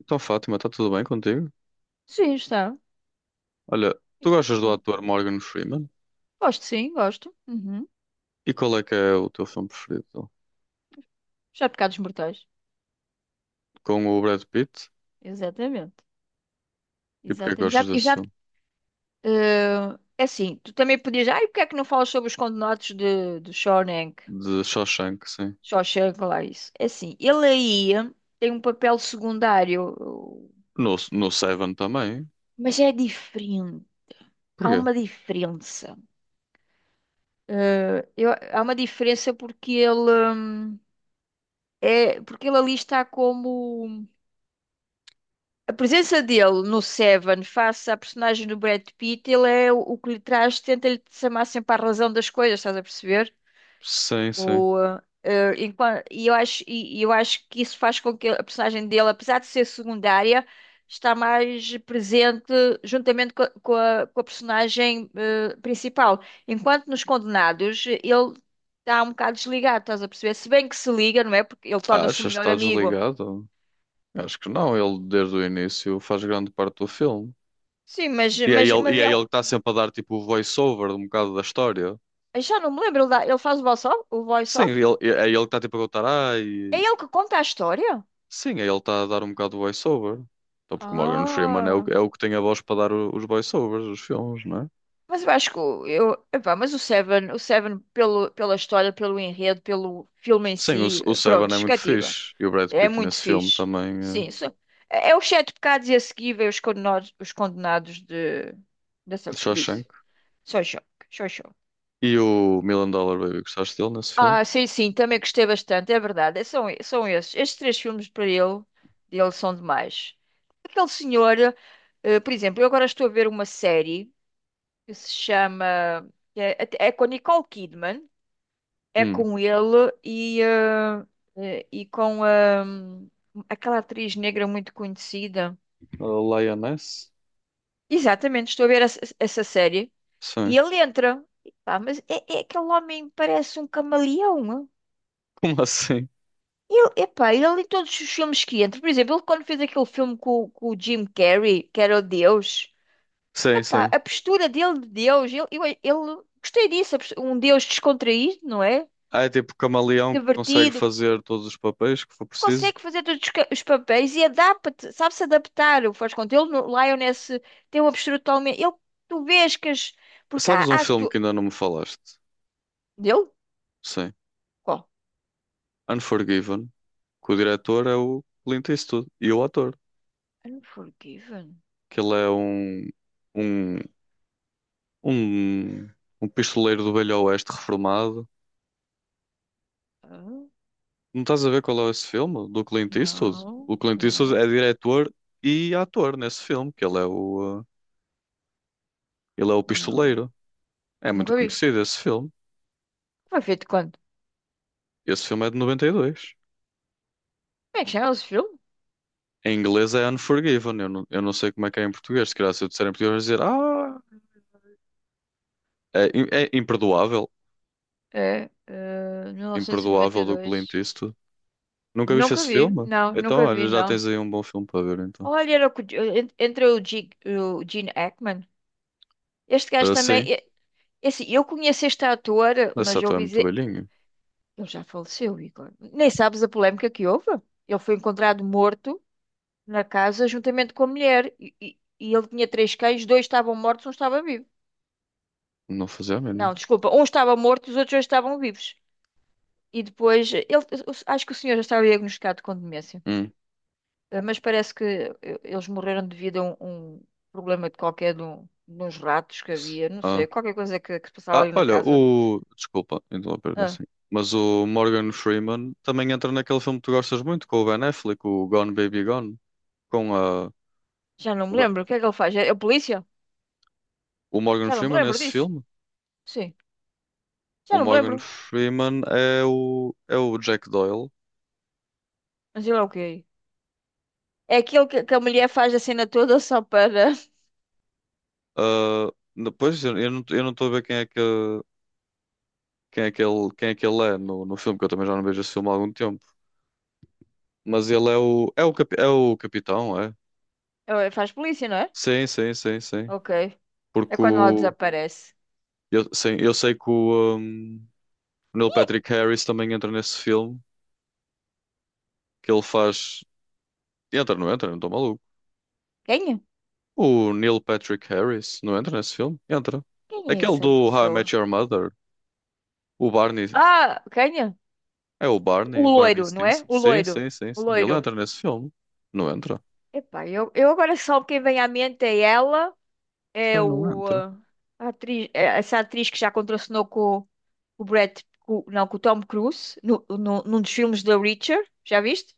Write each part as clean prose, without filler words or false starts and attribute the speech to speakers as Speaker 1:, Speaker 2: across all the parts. Speaker 1: Então, Fátima, está tudo bem contigo?
Speaker 2: Sim, está.
Speaker 1: Olha, tu gostas do ator Morgan Freeman?
Speaker 2: Gosto, sim, gosto. Uhum.
Speaker 1: E qual é que é o teu filme preferido, então?
Speaker 2: Já pecados mortais.
Speaker 1: Com o Brad Pitt?
Speaker 2: Exatamente.
Speaker 1: E porquê que
Speaker 2: Exatamente.
Speaker 1: gostas
Speaker 2: Já, eu
Speaker 1: desse
Speaker 2: já,
Speaker 1: filme?
Speaker 2: é assim, tu também podias. Ai, porque é que não falas sobre os condenados de Shawshank?
Speaker 1: De Shawshank, sim.
Speaker 2: Shawshank, lá isso. É assim, ele aí tem um papel secundário,
Speaker 1: No Seven também?
Speaker 2: mas é diferente. Há
Speaker 1: Porquê?
Speaker 2: uma diferença. Há uma diferença porque ele, é porque ele ali está como. A presença dele no Seven face à personagem do Brad Pitt, ele é o que lhe traz, tenta-lhe chamar sempre à razão das coisas, estás a perceber?
Speaker 1: Sim, sim.
Speaker 2: O, eh, eh, enquan- e eu acho que isso faz com que a personagem dele, apesar de ser secundária, está mais presente juntamente com a personagem principal. Enquanto nos Condenados, ele está um bocado desligado, estás a perceber? Se bem que se liga, não é? Porque ele
Speaker 1: Achas
Speaker 2: torna-se o
Speaker 1: que
Speaker 2: melhor
Speaker 1: está
Speaker 2: amigo.
Speaker 1: desligado? Acho que não, ele desde o início faz grande parte do filme.
Speaker 2: Sim, mas,
Speaker 1: E é
Speaker 2: mas,
Speaker 1: ele,
Speaker 2: mas
Speaker 1: e é
Speaker 2: é.
Speaker 1: ele que está sempre a dar tipo o voice-over de um bocado da história.
Speaker 2: Eu já não me lembro. Ele faz o voice-off? O
Speaker 1: Sim, ele,
Speaker 2: voice-off?
Speaker 1: é ele que está tipo a contar,
Speaker 2: É
Speaker 1: ai.
Speaker 2: ele que conta a história?
Speaker 1: Sim, aí ele está a dar um bocado de voice-over. Então, porque o Morgan Freeman é o,
Speaker 2: Ah.
Speaker 1: é o que tem a voz para dar os voice-overs, os filmes, não é?
Speaker 2: Mas eu acho que o- eu, epá, mas o Seven pelo, pela história, pelo enredo, pelo filme em
Speaker 1: Sim, o,
Speaker 2: si,
Speaker 1: o Seven
Speaker 2: pronto,
Speaker 1: é muito
Speaker 2: cativa.
Speaker 1: fixe. E o Brad
Speaker 2: É
Speaker 1: Pitt
Speaker 2: muito
Speaker 1: nesse filme
Speaker 2: fixe.
Speaker 1: também,
Speaker 2: Sim, isso, é os sete pecados e a seguir vem os condenados de,
Speaker 1: de
Speaker 2: dessa,
Speaker 1: Shawshank.
Speaker 2: disso. Só choque, só choque.
Speaker 1: E o Million Dollar Baby, gostaste dele nesse filme?
Speaker 2: Ah, sim, sim, também gostei bastante, é verdade. São esses. Estes três filmes para ele, dele são demais. Aquele senhor, por exemplo, eu agora estou a ver uma série que se chama, que é com a Nicole Kidman, é
Speaker 1: Hum.
Speaker 2: com ele e com aquela atriz negra muito conhecida.
Speaker 1: A Lioness?
Speaker 2: Exatamente, estou a ver essa série
Speaker 1: Sim.
Speaker 2: e ele entra. E pá, mas é aquele homem parece um camaleão.
Speaker 1: Como assim?
Speaker 2: Ele ali todos os filmes que entra, por exemplo, ele quando fez aquele filme com o Jim Carrey, que era o Deus,
Speaker 1: Sim,
Speaker 2: epá,
Speaker 1: sim.
Speaker 2: a postura dele de Deus, ele gostei disso, um Deus descontraído, não é?
Speaker 1: Ah, é tipo camaleão que consegue
Speaker 2: Divertido,
Speaker 1: fazer todos os papéis que for preciso.
Speaker 2: consegue fazer todos os papéis e adapta-te, sabe-se adaptar, o faz conta. Ele no Lioness tem uma postura totalmente. Ele, tu vês que as. Porque há.
Speaker 1: Sabes um
Speaker 2: há
Speaker 1: filme
Speaker 2: tu.
Speaker 1: que ainda não me falaste?
Speaker 2: Dele?
Speaker 1: Sim.
Speaker 2: Qual?
Speaker 1: Unforgiven. Que o diretor é o Clint Eastwood e o ator.
Speaker 2: Unforgiven?
Speaker 1: Que ele é um, um, um pistoleiro do Velho Oeste reformado.
Speaker 2: Ah,
Speaker 1: Não estás a ver qual é esse filme do Clint Eastwood?
Speaker 2: não,
Speaker 1: O Clint Eastwood
Speaker 2: não,
Speaker 1: é diretor e ator nesse filme, que ele é o
Speaker 2: não.
Speaker 1: pistoleiro. É muito
Speaker 2: Nunca vi.
Speaker 1: conhecido esse filme.
Speaker 2: Foi feito quando?
Speaker 1: Esse filme é de 92.
Speaker 2: Como é que chama esse filme?
Speaker 1: Em inglês é Unforgiven. Eu não sei como é que é em português. Se calhar se eu disser em português, vão dizer ah, é, é imperdoável. Imperdoável do
Speaker 2: 1992.
Speaker 1: Clint Eastwood. Nunca viste
Speaker 2: Nunca
Speaker 1: esse
Speaker 2: vi,
Speaker 1: filme?
Speaker 2: não,
Speaker 1: Então,
Speaker 2: nunca
Speaker 1: olha,
Speaker 2: vi,
Speaker 1: já
Speaker 2: não.
Speaker 1: tens aí um bom filme para ver, então.
Speaker 2: Olha, era entre o Gene Hackman. Este gajo
Speaker 1: Ah,
Speaker 2: também.
Speaker 1: sim.
Speaker 2: É assim, eu conheço este ator,
Speaker 1: Essa
Speaker 2: mas eu
Speaker 1: ator é
Speaker 2: ouvi
Speaker 1: muito
Speaker 2: dizer.
Speaker 1: velhinho?
Speaker 2: Ele já faleceu, Igor. Nem sabes a polémica que houve. Ele foi encontrado morto na casa juntamente com a mulher. E ele tinha três cães, dois estavam mortos, um estava vivo.
Speaker 1: Não fazia a mínima.
Speaker 2: Não, desculpa, um estava morto, os outros dois estavam vivos. E depois, ele, acho que o senhor já estava diagnosticado com demência.
Speaker 1: Hum.
Speaker 2: Mas parece que eles morreram devido a um problema de qualquer de uns ratos que havia, não sei,
Speaker 1: Ah.
Speaker 2: qualquer coisa que se passava
Speaker 1: Ah,
Speaker 2: ali na
Speaker 1: olha,
Speaker 2: casa.
Speaker 1: o. Desculpa interromper
Speaker 2: Ah,
Speaker 1: assim. Mas o Morgan Freeman também entra naquele filme que tu gostas muito, com o Ben Affleck, o Gone Baby Gone. Com a.
Speaker 2: já não
Speaker 1: O
Speaker 2: me
Speaker 1: Ben-
Speaker 2: lembro. O que é que ele faz? É a polícia?
Speaker 1: o Morgan
Speaker 2: Já não me
Speaker 1: Freeman
Speaker 2: lembro
Speaker 1: nesse
Speaker 2: disso.
Speaker 1: filme.
Speaker 2: Sim,
Speaker 1: O
Speaker 2: já não me
Speaker 1: Morgan
Speaker 2: lembro.
Speaker 1: Freeman é o Jack Doyle.
Speaker 2: Mas ele é o quê? É aquele que a mulher faz a cena toda só para.
Speaker 1: Ah, depois eu não estou a ver quem é que quem é que ele é no filme, que eu também já não vejo esse filme há algum tempo. Mas ele é o. É o, é o capitão, é?
Speaker 2: Faz polícia, não é?
Speaker 1: Sim, sim, sim, sim.
Speaker 2: Ok. É
Speaker 1: Porque
Speaker 2: quando ela
Speaker 1: o,
Speaker 2: desaparece.
Speaker 1: eu, sim, eu sei que o Neil Patrick Harris também entra nesse filme, que ele faz. Entra? Não estou maluco.
Speaker 2: Quem é?
Speaker 1: O Neil Patrick Harris não entra nesse filme? Entra.
Speaker 2: Quem é
Speaker 1: Aquele
Speaker 2: essa
Speaker 1: do How I Met
Speaker 2: pessoa?
Speaker 1: Your Mother, o Barney.
Speaker 2: Ah, quem é?
Speaker 1: É o Barney,
Speaker 2: O
Speaker 1: Barney
Speaker 2: loiro, não é?
Speaker 1: Stinson.
Speaker 2: O
Speaker 1: Sim,
Speaker 2: loiro.
Speaker 1: sim, sim,
Speaker 2: O
Speaker 1: sim. Ele
Speaker 2: loiro.
Speaker 1: entra nesse filme? Não entra.
Speaker 2: Epá, eu agora só quem vem à mente é ela.
Speaker 1: Esse
Speaker 2: É
Speaker 1: cara não
Speaker 2: o,
Speaker 1: entra.
Speaker 2: ah, a atriz, é essa atriz que já contracenou com o Brad, com, não, com o Tom Cruise, no, no, num dos filmes da Reacher. Já viste?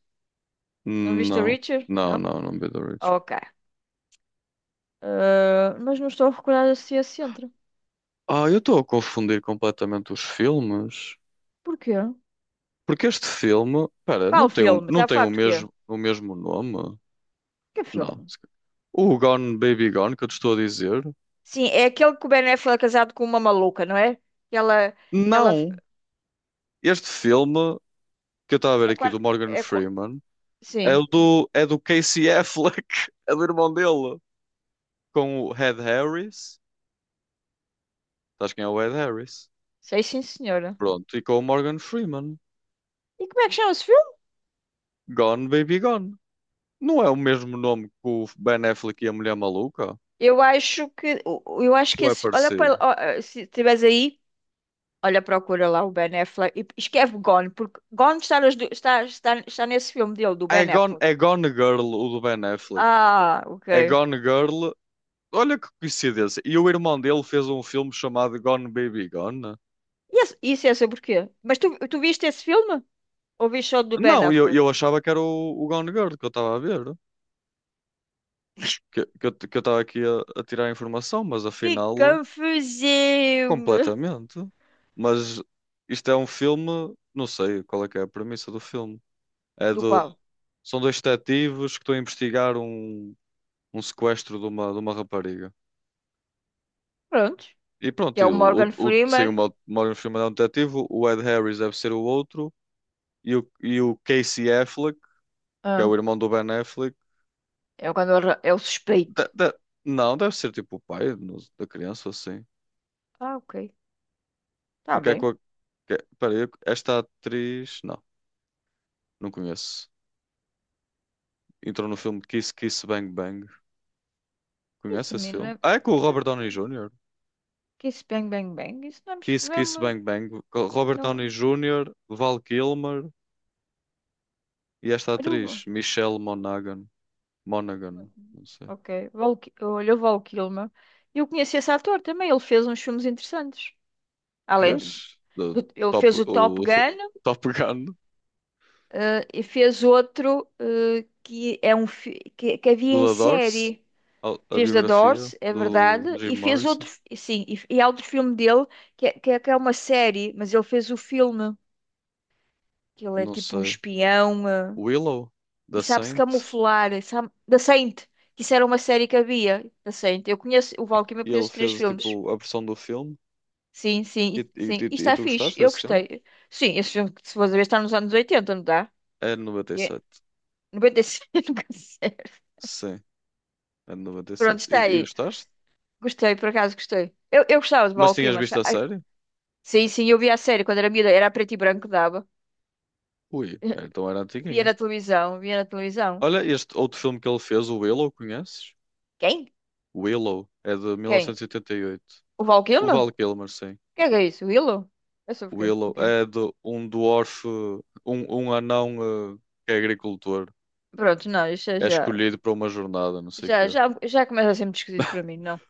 Speaker 2: Não viste a
Speaker 1: Não,
Speaker 2: Reacher?
Speaker 1: não,
Speaker 2: Não?
Speaker 1: não, não Be the Rich.
Speaker 2: Ok. Ah, mas não estou a recordar se é centro.
Speaker 1: Ah, eu estou a confundir completamente os filmes.
Speaker 2: Porquê?
Speaker 1: Porque este filme, pera,
Speaker 2: Qual
Speaker 1: não tem, um
Speaker 2: filme?
Speaker 1: não
Speaker 2: Está a
Speaker 1: tem
Speaker 2: falar
Speaker 1: o
Speaker 2: de quê?
Speaker 1: mesmo, o mesmo nome.
Speaker 2: Que
Speaker 1: Não.
Speaker 2: filme?
Speaker 1: O Gone Baby Gone que eu te estou a dizer.
Speaker 2: Sim, é aquele que o Ben Affleck é casado com uma maluca, não é? Que ela, que ela
Speaker 1: Não. Este filme que eu estava a ver
Speaker 2: é,
Speaker 1: aqui do Morgan
Speaker 2: é qua-
Speaker 1: Freeman é
Speaker 2: sim,
Speaker 1: é do Casey Affleck, é do irmão dele, com o Ed Harris. Sabes quem é o Ed Harris?
Speaker 2: sei sim, senhora.
Speaker 1: Pronto, e com o Morgan Freeman.
Speaker 2: E como é que chama-se.
Speaker 1: Gone Baby Gone. Não é o mesmo nome que o Ben Affleck e a Mulher Maluca?
Speaker 2: Eu acho que
Speaker 1: Ou é
Speaker 2: esse, olha para,
Speaker 1: parecido?
Speaker 2: ó, se estiveres aí, olha, procura lá o Ben Affleck e escreve Gone, porque Gone está, está nesse filme dele, do Ben Affleck.
Speaker 1: É Gone Girl, o do Ben Affleck.
Speaker 2: Ah,
Speaker 1: É
Speaker 2: ok.
Speaker 1: Gone Girl. Olha que coincidência. E o irmão dele fez um filme chamado Gone Baby Gone, né?
Speaker 2: Isso é sobre o quê? Mas tu viste esse filme? Ou viste só do Ben
Speaker 1: Não, eu,
Speaker 2: Affleck?
Speaker 1: eu achava que era o Gone Girl que eu estava a ver. Que eu estava aqui a tirar informação, mas
Speaker 2: Que
Speaker 1: afinal,
Speaker 2: confusão, meu!
Speaker 1: completamente. Mas isto é um filme, não sei qual é que é a premissa do filme. É
Speaker 2: Do
Speaker 1: do,
Speaker 2: qual?
Speaker 1: são dois detetives que estão a investigar um sequestro de uma rapariga.
Speaker 2: Pronto.
Speaker 1: E
Speaker 2: Que
Speaker 1: pronto,
Speaker 2: é
Speaker 1: e
Speaker 2: o Morgan
Speaker 1: sem
Speaker 2: Freeman.
Speaker 1: uma filme é um detetive, o Ed Harris deve ser o outro, e o Casey Affleck que é
Speaker 2: Ah,
Speaker 1: o irmão do Ben Affleck.
Speaker 2: é o quando ele é o suspeito.
Speaker 1: De- de- não, deve ser tipo o pai da criança, assim.
Speaker 2: Ah, ok. Tá
Speaker 1: Porque é com
Speaker 2: bem.
Speaker 1: a. É, espera aí, esta atriz. Não, não conheço. Entrou no filme Kiss Kiss Bang Bang. Conhece
Speaker 2: Isso,
Speaker 1: esse
Speaker 2: menino,
Speaker 1: filme? Ah, é com o Robert Downey
Speaker 2: não.
Speaker 1: Jr.
Speaker 2: Que isso, bang, bang, bang. Isso não é,
Speaker 1: Kiss
Speaker 2: não é
Speaker 1: Kiss
Speaker 2: uma.
Speaker 1: Bang Bang, com Robert
Speaker 2: Não,
Speaker 1: Downey Jr., Val Kilmer e esta
Speaker 2: Aruba.
Speaker 1: atriz, Michelle Monaghan. Monaghan, não sei.
Speaker 2: Ok. Olha, o Val Kilmer. Eu conheci esse ator também. Ele fez uns filmes interessantes. Além
Speaker 1: Vês? Do
Speaker 2: ele
Speaker 1: Top,
Speaker 2: fez o Top
Speaker 1: o
Speaker 2: Gun,
Speaker 1: Top Gun,
Speaker 2: e fez outro, que é que havia
Speaker 1: do
Speaker 2: em
Speaker 1: The Doors,
Speaker 2: série.
Speaker 1: a, a
Speaker 2: Fez da
Speaker 1: biografia
Speaker 2: Doors, é
Speaker 1: do
Speaker 2: verdade, e
Speaker 1: Jim
Speaker 2: fez
Speaker 1: Morrison.
Speaker 2: outro, sim, e há outro filme dele que é uma série, mas ele fez o filme, que ele é
Speaker 1: Não
Speaker 2: tipo um
Speaker 1: sei,
Speaker 2: espião.
Speaker 1: Willow,
Speaker 2: E
Speaker 1: da
Speaker 2: sabe-se
Speaker 1: Saint,
Speaker 2: camuflar. Sabe. Da Saint. Que Isso era uma série que havia. Da Saint. Eu conheço o Valkyrie, eu
Speaker 1: e ele
Speaker 2: conheço três
Speaker 1: fez
Speaker 2: filmes.
Speaker 1: tipo a versão do filme.
Speaker 2: Sim, sim,
Speaker 1: E, e,
Speaker 2: sim. E
Speaker 1: e- e
Speaker 2: está
Speaker 1: tu
Speaker 2: fixe.
Speaker 1: gostaste
Speaker 2: Eu
Speaker 1: desse filme?
Speaker 2: gostei. Sim, esse filme, que se for ver, está nos anos 80, não está?
Speaker 1: É de noventa e
Speaker 2: É,
Speaker 1: sete
Speaker 2: 95, nunca sei.
Speaker 1: Sim, é de
Speaker 2: Pronto,
Speaker 1: 97. E,
Speaker 2: está
Speaker 1: sete. E
Speaker 2: aí.
Speaker 1: gostaste?
Speaker 2: Gostei, por acaso gostei. Eu gostava de
Speaker 1: Mas
Speaker 2: Valkyrie,
Speaker 1: tinhas
Speaker 2: mas.
Speaker 1: visto
Speaker 2: Ah,
Speaker 1: a série?
Speaker 2: sim, sim, eu via a série quando era miúda. Era a preto e branco que dava.
Speaker 1: Ui, é, então era
Speaker 2: Via
Speaker 1: antiguinha.
Speaker 2: na televisão, via na televisão.
Speaker 1: Olha, este outro filme que ele fez, o Willow, conheces?
Speaker 2: Quem?
Speaker 1: Willow, é de mil
Speaker 2: Quem?
Speaker 1: novecentos e oitenta e oito.
Speaker 2: O
Speaker 1: O
Speaker 2: Valkyrie?
Speaker 1: Val Kilmer, sim.
Speaker 2: Quem é que é isso? O Willow? É sobre o quê?
Speaker 1: Willow
Speaker 2: O quê?
Speaker 1: é de um dwarf, um anão que é agricultor.
Speaker 2: Pronto, não, isso é
Speaker 1: É
Speaker 2: já.
Speaker 1: escolhido para uma jornada, não sei o
Speaker 2: Já,
Speaker 1: quê.
Speaker 2: já, já começa a ser muito esquisito para mim, não?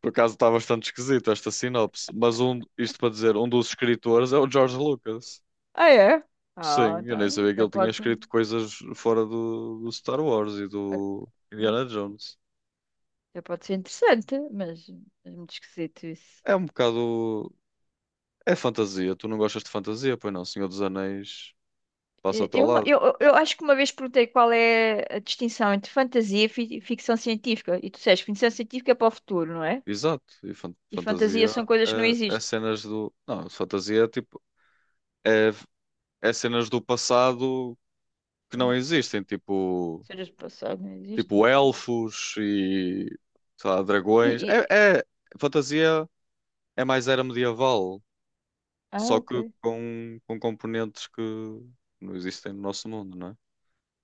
Speaker 1: Por acaso está bastante esquisito esta sinopse, mas isto para dizer, um dos escritores é o George Lucas.
Speaker 2: Ah, é? Ah,
Speaker 1: Sim, eu nem
Speaker 2: então
Speaker 1: sabia que
Speaker 2: já
Speaker 1: ele tinha
Speaker 2: pode,
Speaker 1: escrito coisas fora do Star Wars e do Indiana Jones.
Speaker 2: já pode ser interessante, mas é muito esquisito isso.
Speaker 1: É um bocado. É fantasia. Tu não gostas de fantasia? Pois não, Senhor dos Anéis
Speaker 2: Eh,
Speaker 1: passa-te ao
Speaker 2: Eu, uma-
Speaker 1: lado.
Speaker 2: eu, eu eu acho que uma vez perguntei qual é a distinção entre fantasia e ficção científica. E tu disseste, ficção científica é para o futuro, não é?
Speaker 1: Exato. E
Speaker 2: E fantasia
Speaker 1: fantasia
Speaker 2: são coisas que não
Speaker 1: é, é
Speaker 2: existem.
Speaker 1: cenas do. Não, fantasia é tipo. É, é cenas do passado que não
Speaker 2: Cenas do
Speaker 1: existem.
Speaker 2: passado,
Speaker 1: Tipo.
Speaker 2: cenas do passado não existem.
Speaker 1: Tipo elfos e, sei lá,
Speaker 2: E,
Speaker 1: dragões.
Speaker 2: e-
Speaker 1: É, é fantasia é mais era medieval,
Speaker 2: Ah,
Speaker 1: só
Speaker 2: ok.
Speaker 1: que com componentes que não existem no nosso mundo, não é?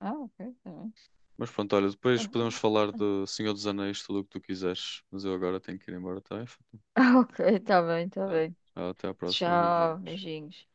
Speaker 2: Ah, ok. Tá bem.
Speaker 1: Mas pronto, olha,
Speaker 2: Ah,
Speaker 1: depois
Speaker 2: ah,
Speaker 1: podemos falar
Speaker 2: ah.
Speaker 1: de Senhor dos Anéis, tudo o que tu quiseres. Mas eu agora tenho que ir embora, tá bem?
Speaker 2: Ah, ok. Tá bem, tá
Speaker 1: Tá.
Speaker 2: bem.
Speaker 1: Até à próxima,
Speaker 2: Tchau,
Speaker 1: beijinhos.
Speaker 2: beijinhos.